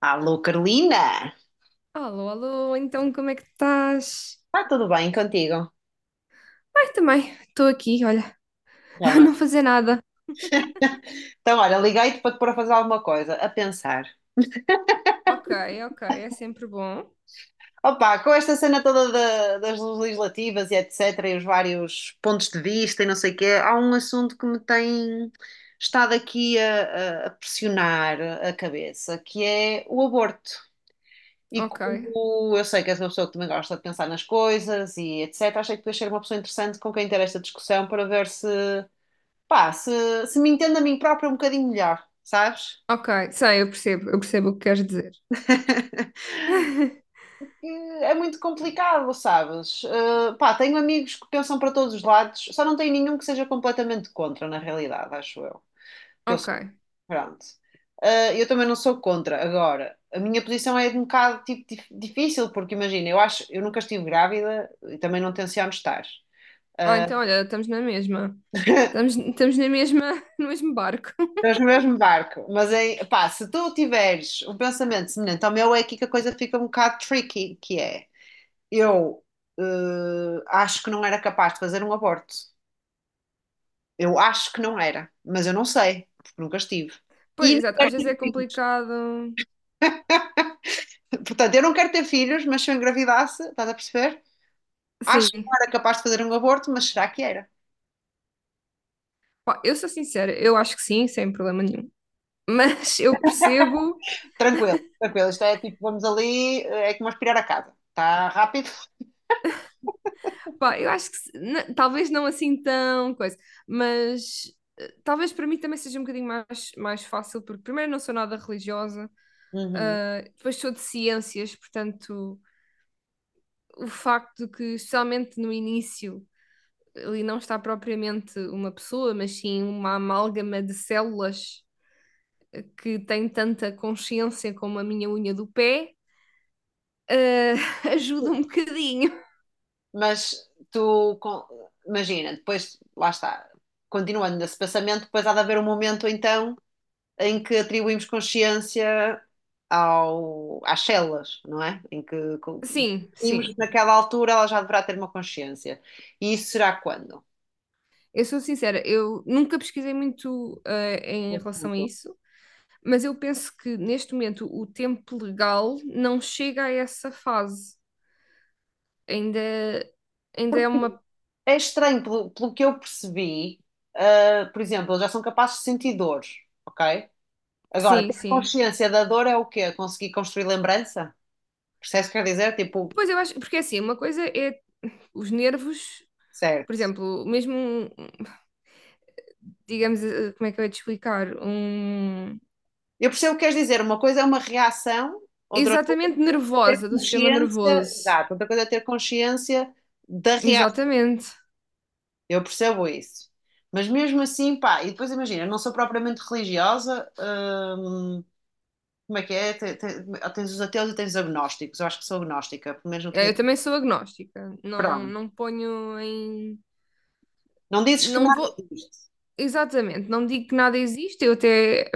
Alô, Carolina! Alô, alô, então como é que estás? Está tudo bem contigo? Ai, também, estou aqui, olha, Já a não é? não fazer nada. Então, olha, liguei-te para te pôr a fazer alguma coisa, a pensar. Ok, ok, é sempre bom. Opa, com esta cena toda das legislativas e etc, e os vários pontos de vista e não sei o quê, há um assunto que me tem estado aqui a pressionar a cabeça, que é o aborto. E Ok, como eu sei que és uma pessoa que também gosta de pensar nas coisas e etc, achei que podias ser uma pessoa interessante com quem ter esta discussão para ver se pá, se me entendo a mim própria um bocadinho melhor, sabes? ok, sei, eu percebo o que queres dizer. E É muito complicado, sabes? Pá, tenho amigos que pensam para todos os lados, só não tenho nenhum que seja completamente contra, na realidade, acho eu. Que eu Ok, sou, pronto. Eu também não sou contra. Agora, a minha posição é de um bocado tipo, difícil, porque imagina, eu acho, eu nunca estive grávida e também não tenciono estar. ah, Eh, então olha, estamos na mesma. Estamos na mesma, no mesmo barco. Estamos no mesmo barco, mas é, pá, se tu tiveres um pensamento semelhante ao meu, é aqui que a coisa fica um bocado tricky, que é, eu acho que não era capaz de fazer um aborto. Eu acho que não era, mas eu não sei, porque nunca estive. Pois, E não exato, quero às vezes é ter filhos. complicado. Portanto, eu não quero ter filhos, mas se eu engravidasse, estás a perceber? Acho que Sim, não era capaz de fazer um aborto, mas será que era? pá, eu sou sincera, eu acho que sim, sem problema nenhum. Mas eu percebo. Tranquilo, tranquilo. Isto é tipo, vamos ali, é como aspirar a casa. Está rápido. Pá, eu acho que talvez não assim tão coisa, mas talvez para mim também seja um bocadinho mais, mais fácil, porque primeiro não sou nada religiosa, Uhum. ah, depois sou de ciências, portanto, o facto de que, especialmente no início, ali não está propriamente uma pessoa, mas sim uma amálgama de células que tem tanta consciência como a minha unha do pé, ah, ajuda um bocadinho. Mas tu, imagina, depois, lá está, continuando nesse pensamento, depois há de haver um momento então em que atribuímos consciência ao, às células, não é? Em que Sim, definimos que sim. naquela altura ela já deverá ter uma consciência. E isso será quando? Eu sou sincera, eu nunca pesquisei muito em relação a Pergunto. isso, mas eu penso que neste momento o tempo legal não chega a essa fase. Ainda, ainda é uma. É estranho, pelo que eu percebi, ah, por exemplo, eles já são capazes de sentir dor, ok? Agora, Sim, ter sim. consciência da dor é o quê? Conseguir construir lembrança? Percebes o que quer dizer? Tipo, Pois eu acho, porque assim, uma coisa é os nervos, por certo. exemplo, mesmo, digamos, como é que eu ia te explicar? Eu percebo o que queres dizer. Uma coisa é uma reação, outra Exatamente ter nervosa, do sistema consciência, nervoso. exato, outra coisa é ter consciência da reação. Exatamente. Eu percebo isso. Mas mesmo assim, pá, e depois imagina, eu não sou propriamente religiosa, hum, como é que é? Tens os ateus e tens os agnósticos. Eu acho que sou agnóstica, pelo menos não teria. Eu também sou agnóstica, não, Pronto. não ponho em. Não dizes que Não nada vou, existe. exatamente, não digo que nada existe, eu até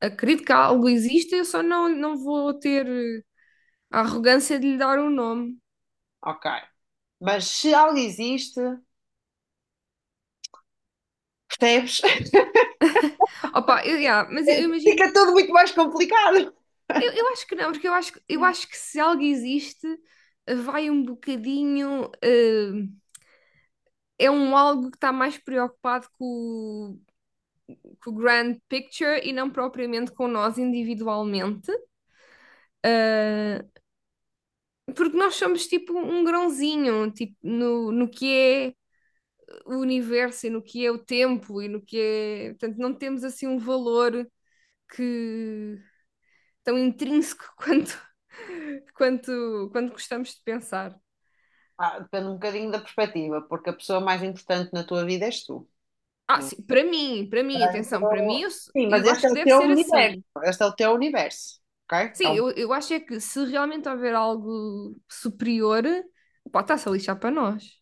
acredito que algo existe, eu só não, não vou ter a arrogância de lhe dar um nome. Ok. Mas se algo existe, percebes? Opa, eu, yeah, mas eu imagino, Fica tudo muito mais complicado. eu acho que não, porque eu acho, eu acho que se algo existe, vai um bocadinho. É um algo que está mais preocupado com, com o grand picture e não propriamente com nós individualmente. Eh, Porque nós somos tipo um grãozinho, tipo, no que é o universo e no que é o tempo e no que é. Portanto, não temos assim um valor que tão intrínseco quanto, quanto gostamos de pensar. Ah, depende um bocadinho da perspectiva, porque a pessoa mais importante na tua vida és tu. Ah, sim, para mim, atenção, para mim, Portanto, eu, sim, mas este acho é que o deve teu ser universo. assim. Este é o teu universo, ok? Sim, eu, acho é que se realmente houver algo superior, pá, está-se a lixar para nós.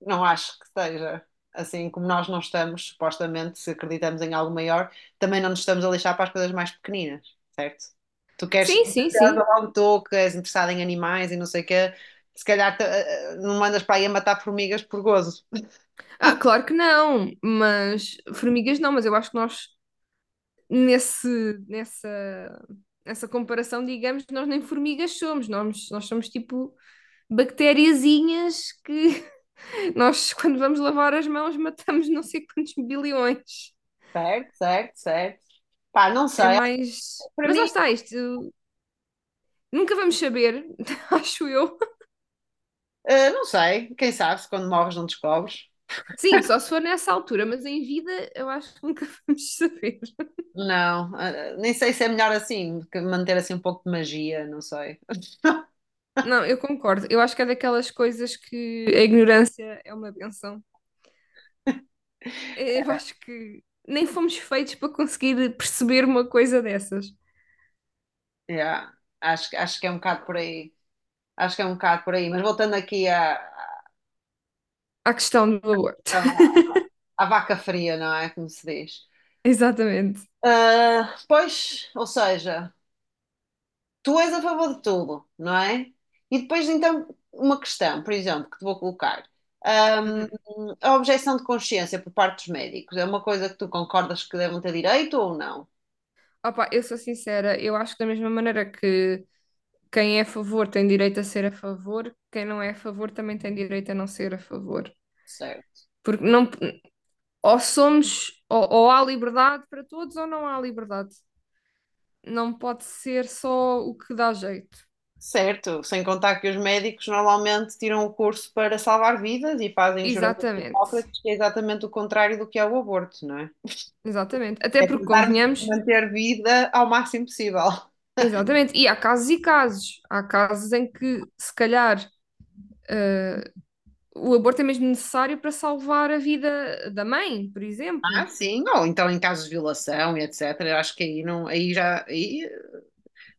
Não acho que seja assim como nós não estamos, supostamente, se acreditamos em algo maior, também não nos estamos a lixar para as coisas mais pequeninas, certo? Tu queres, se Sim, sim, és sim. logo tu que és interessado em animais e não sei o quê, se calhar não mandas para aí a matar formigas por gozo. Ah, claro que não, mas formigas não, mas eu acho que nós nesse, nessa, nessa comparação, digamos, nós nem formigas somos, nós, somos tipo bactériazinhas que nós, quando vamos lavar as mãos, matamos não sei quantos bilhões. Certo, certo, certo. Pá, não É sei. mais. Para Mas lá mim, está, isto nunca vamos saber, acho eu. Não sei. Quem sabe se quando morres não descobres. Sim, só se for nessa altura, mas em vida eu acho que nunca vamos saber. Não, nem sei se é melhor assim, que manter assim um pouco de magia, não sei. Não, eu concordo. Eu acho que é daquelas coisas que a ignorância é uma benção. Eu acho que nem fomos feitos para conseguir perceber uma coisa dessas. Yeah, acho, acho que é um bocado por aí. Acho que é um bocado por aí. Mas voltando aqui a A questão do aborto. à vaca fria, não é? Como se diz. Exatamente. Ah, pois, ou seja, tu és a favor de tudo, não é? E depois, então, uma questão, por exemplo, que te vou colocar. Ahm, Hum. a objeção de consciência por parte dos médicos é uma coisa que tu concordas que devem ter direito ou não? Opa, eu sou sincera, eu acho que da mesma maneira que quem é a favor tem direito a ser a favor, quem não é a favor também tem direito a não ser a favor. Certo. Porque não, ou somos, ou há liberdade para todos ou não há liberdade. Não pode ser só o que dá jeito. Certo, sem contar que os médicos normalmente tiram o curso para salvar vidas e fazem o juramento de Exatamente. Hipócrates, que é exatamente o contrário do que é o aborto, não é? Exatamente. Até É porque, tentar convenhamos, manter vida ao máximo possível. exatamente, e há casos e casos. Há casos em que, se calhar, eh, o aborto é mesmo necessário para salvar a vida da mãe, por Ah, exemplo. sim, ou então em casos de violação e etc. Eu acho que aí não, aí já, aí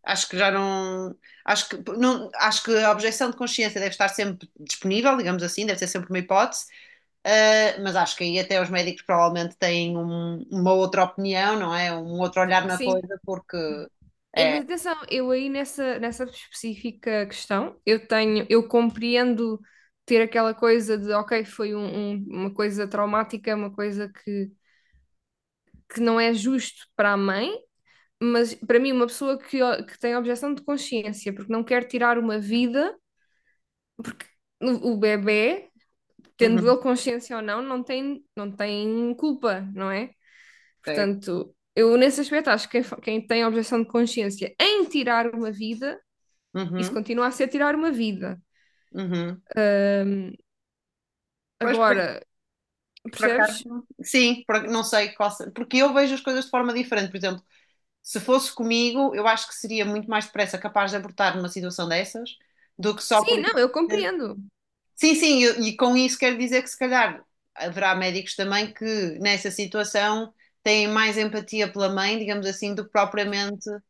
acho que já não, acho que não, acho que a objeção de consciência deve estar sempre disponível, digamos assim, deve ser sempre uma hipótese, ah, mas acho que aí até os médicos provavelmente têm uma outra opinião, não é? Um outro olhar na Sim, coisa, porque é, mas atenção, eu aí nessa específica questão, eu tenho, eu compreendo ter aquela coisa de, ok, foi uma coisa traumática, uma coisa que não é justo para a mãe, mas para mim, uma pessoa que, que tem objeção de consciência porque não quer tirar uma vida, porque o bebé tendo uhum, ele consciência ou não, não tem, não tem culpa, não é? certo, Portanto, eu nesse aspecto acho que quem, quem tem objeção de consciência em tirar uma vida, isso uhum, continua a ser tirar uma vida. uhum. Hum, Pois por, agora, por percebes? acaso, sim, não sei qual, porque eu vejo as coisas de forma diferente, por exemplo. Se fosse comigo, eu acho que seria muito mais depressa capaz de abortar numa situação dessas do que só por. Sim, não, eu compreendo Sim, sim, e com isso quero dizer que se calhar haverá médicos também que nessa situação têm mais empatia pela mãe, digamos assim, do que propriamente o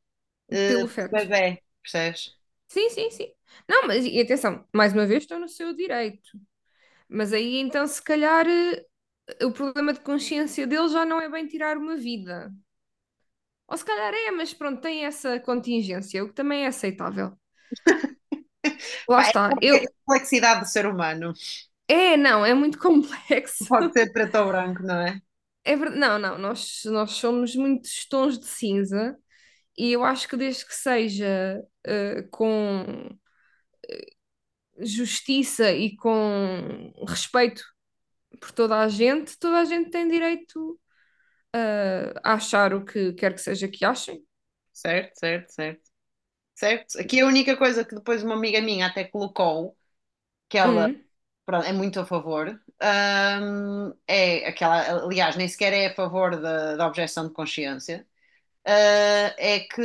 pelo feto. bebé, percebes? Sim, sim, sim. Não, mas e atenção, mais uma vez estou no seu direito. Mas aí então, se calhar, o problema de consciência dele já não é bem tirar uma vida. Ou se calhar é, mas pronto, tem essa contingência, o que também é aceitável. Lá Pá, é está. a Eu... complexidade do ser humano. É, não, é muito complexo. Pode ser preto ou branco, não é? É verdade. Não, não, nós, somos muitos tons de cinza e eu acho que desde que seja com justiça e com respeito por toda a gente tem direito a achar o que quer que seja que achem. Certo, certo, certo. Certo? Aqui a única coisa que depois uma amiga minha até colocou, que ela Hum. Pronto, é muito a favor. É aquela, aliás, nem sequer é a favor da objeção de consciência. Ah, é que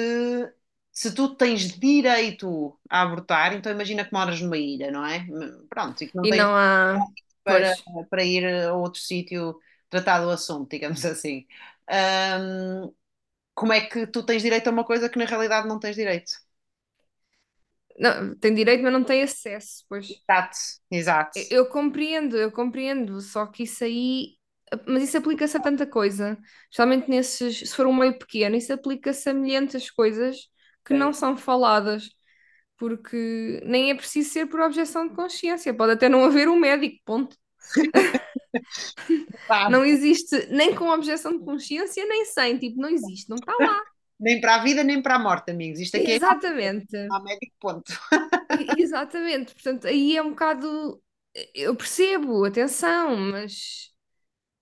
se tu tens direito a abortar, então imagina que moras numa ilha, não é? Pronto, e que não E tens não há. para, Pois. para ir a outro sítio tratar do assunto, digamos assim. Ahm, Como é que tu tens direito a uma coisa que na realidade não tens direito? Não, tem direito, mas não tem acesso, pois. Exato, Eu exato. eu compreendo, eu compreendo, só que isso aí, mas isso aplica-se a tanta coisa, especialmente nesses, se for um meio pequeno, isso aplica-se a milhentas coisas que É, não são faladas, porque nem é preciso ser por objeção de consciência, pode até não haver um médico, ponto. sabe? Não existe nem com objeção de consciência, nem sem, tipo, não existe, não está lá. Nem para a vida, nem para a morte, amigos. Isto aqui é Exatamente, a médico ponto. Exatamente, portanto, aí é um bocado, eu percebo, atenção, mas.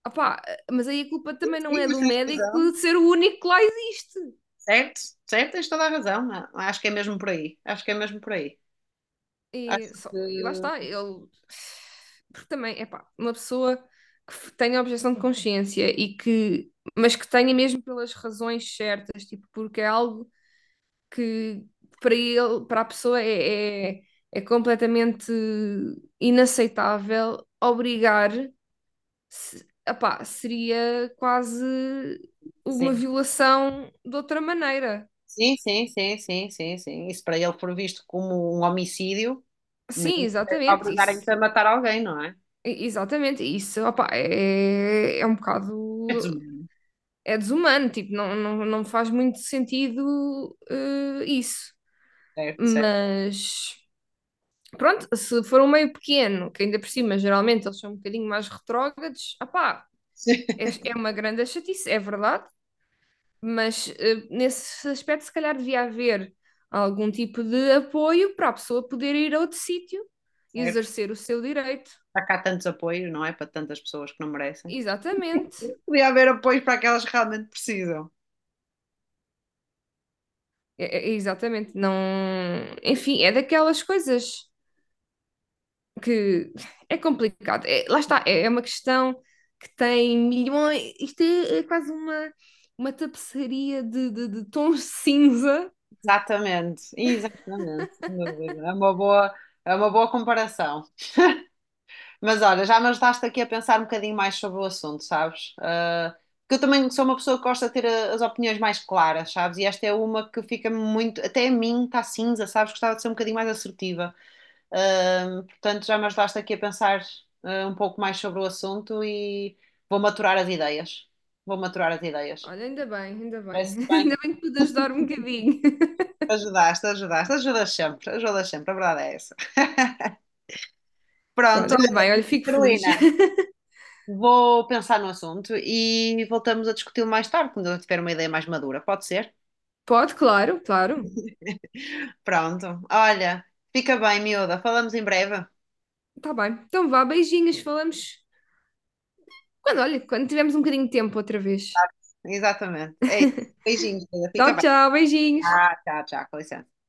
Opá, mas aí a culpa também não Sim, é mas do tens razão. médico de ser o único que lá existe. Certo, certo, tens toda a razão. Acho que é mesmo por aí. Acho que é mesmo por aí. E, Acho e lá que está, ele. Porque também, é pá, uma pessoa que tenha objeção de consciência e que. Mas que tenha mesmo pelas razões certas, tipo, porque é algo que para ele, para a pessoa é completamente inaceitável obrigar. Se, epá, seria quase uma sim. violação de outra maneira. Sim, sim, sim, sim, sim, sim. Isso para ele for visto como um homicídio, mas Sim, não é exatamente, obrigarem-te a isso. matar alguém, não é? Exatamente, isso, opá, é um bocado, É desumano. é desumano, tipo, não, não, não faz muito sentido isso, Certo, certo. mas pronto, se for um meio pequeno, que ainda por cima geralmente eles são um bocadinho mais retrógrados, opá, é uma grande chatice, é verdade, mas nesse aspecto se calhar devia haver algum tipo de apoio para a pessoa poder ir a outro sítio e Certo. exercer o seu direito, Há cá tantos apoios, não é? Para tantas pessoas que não merecem. exatamente. Podia haver apoios para aquelas que realmente precisam. Exatamente, não. Enfim, é daquelas coisas que é complicado. Lá está, é uma questão que tem milhões. Isto é, é quase uma tapeçaria de tons cinza. Exatamente, exatamente, sem dúvida. É uma boa comparação. Mas olha, já me ajudaste aqui a pensar um bocadinho mais sobre o assunto, sabes? Ah, porque eu também sou uma pessoa que gosta de ter as opiniões mais claras, sabes? E esta é uma que fica muito, até a mim está cinza, sabes? Gostava de ser um bocadinho mais assertiva. Ah, portanto, já me ajudaste aqui a pensar ah, um pouco mais sobre o assunto e vou maturar as ideias. Vou maturar as ideias. Olha, ainda bem, ainda bem. Parece Ainda bem. bem que pude ajudar um bocadinho. Ajudaste, ajudaste, ajudas sempre, a verdade é essa. Pronto, Pronto, ainda bem, olha, fico feliz. Carolina, vou pensar no assunto e voltamos a discuti-lo mais tarde, quando eu tiver uma ideia mais madura, pode ser? Pode, claro, claro. Pronto, olha, fica bem, miúda, falamos em breve. Tá bem. Então vá, beijinhos, falamos. Quando, olha, quando tivermos um bocadinho de tempo outra vez. Exatamente, é isso. Beijinhos, miúda, fica Tchau, bem. tchau, beijinhos. Tchau, com licença.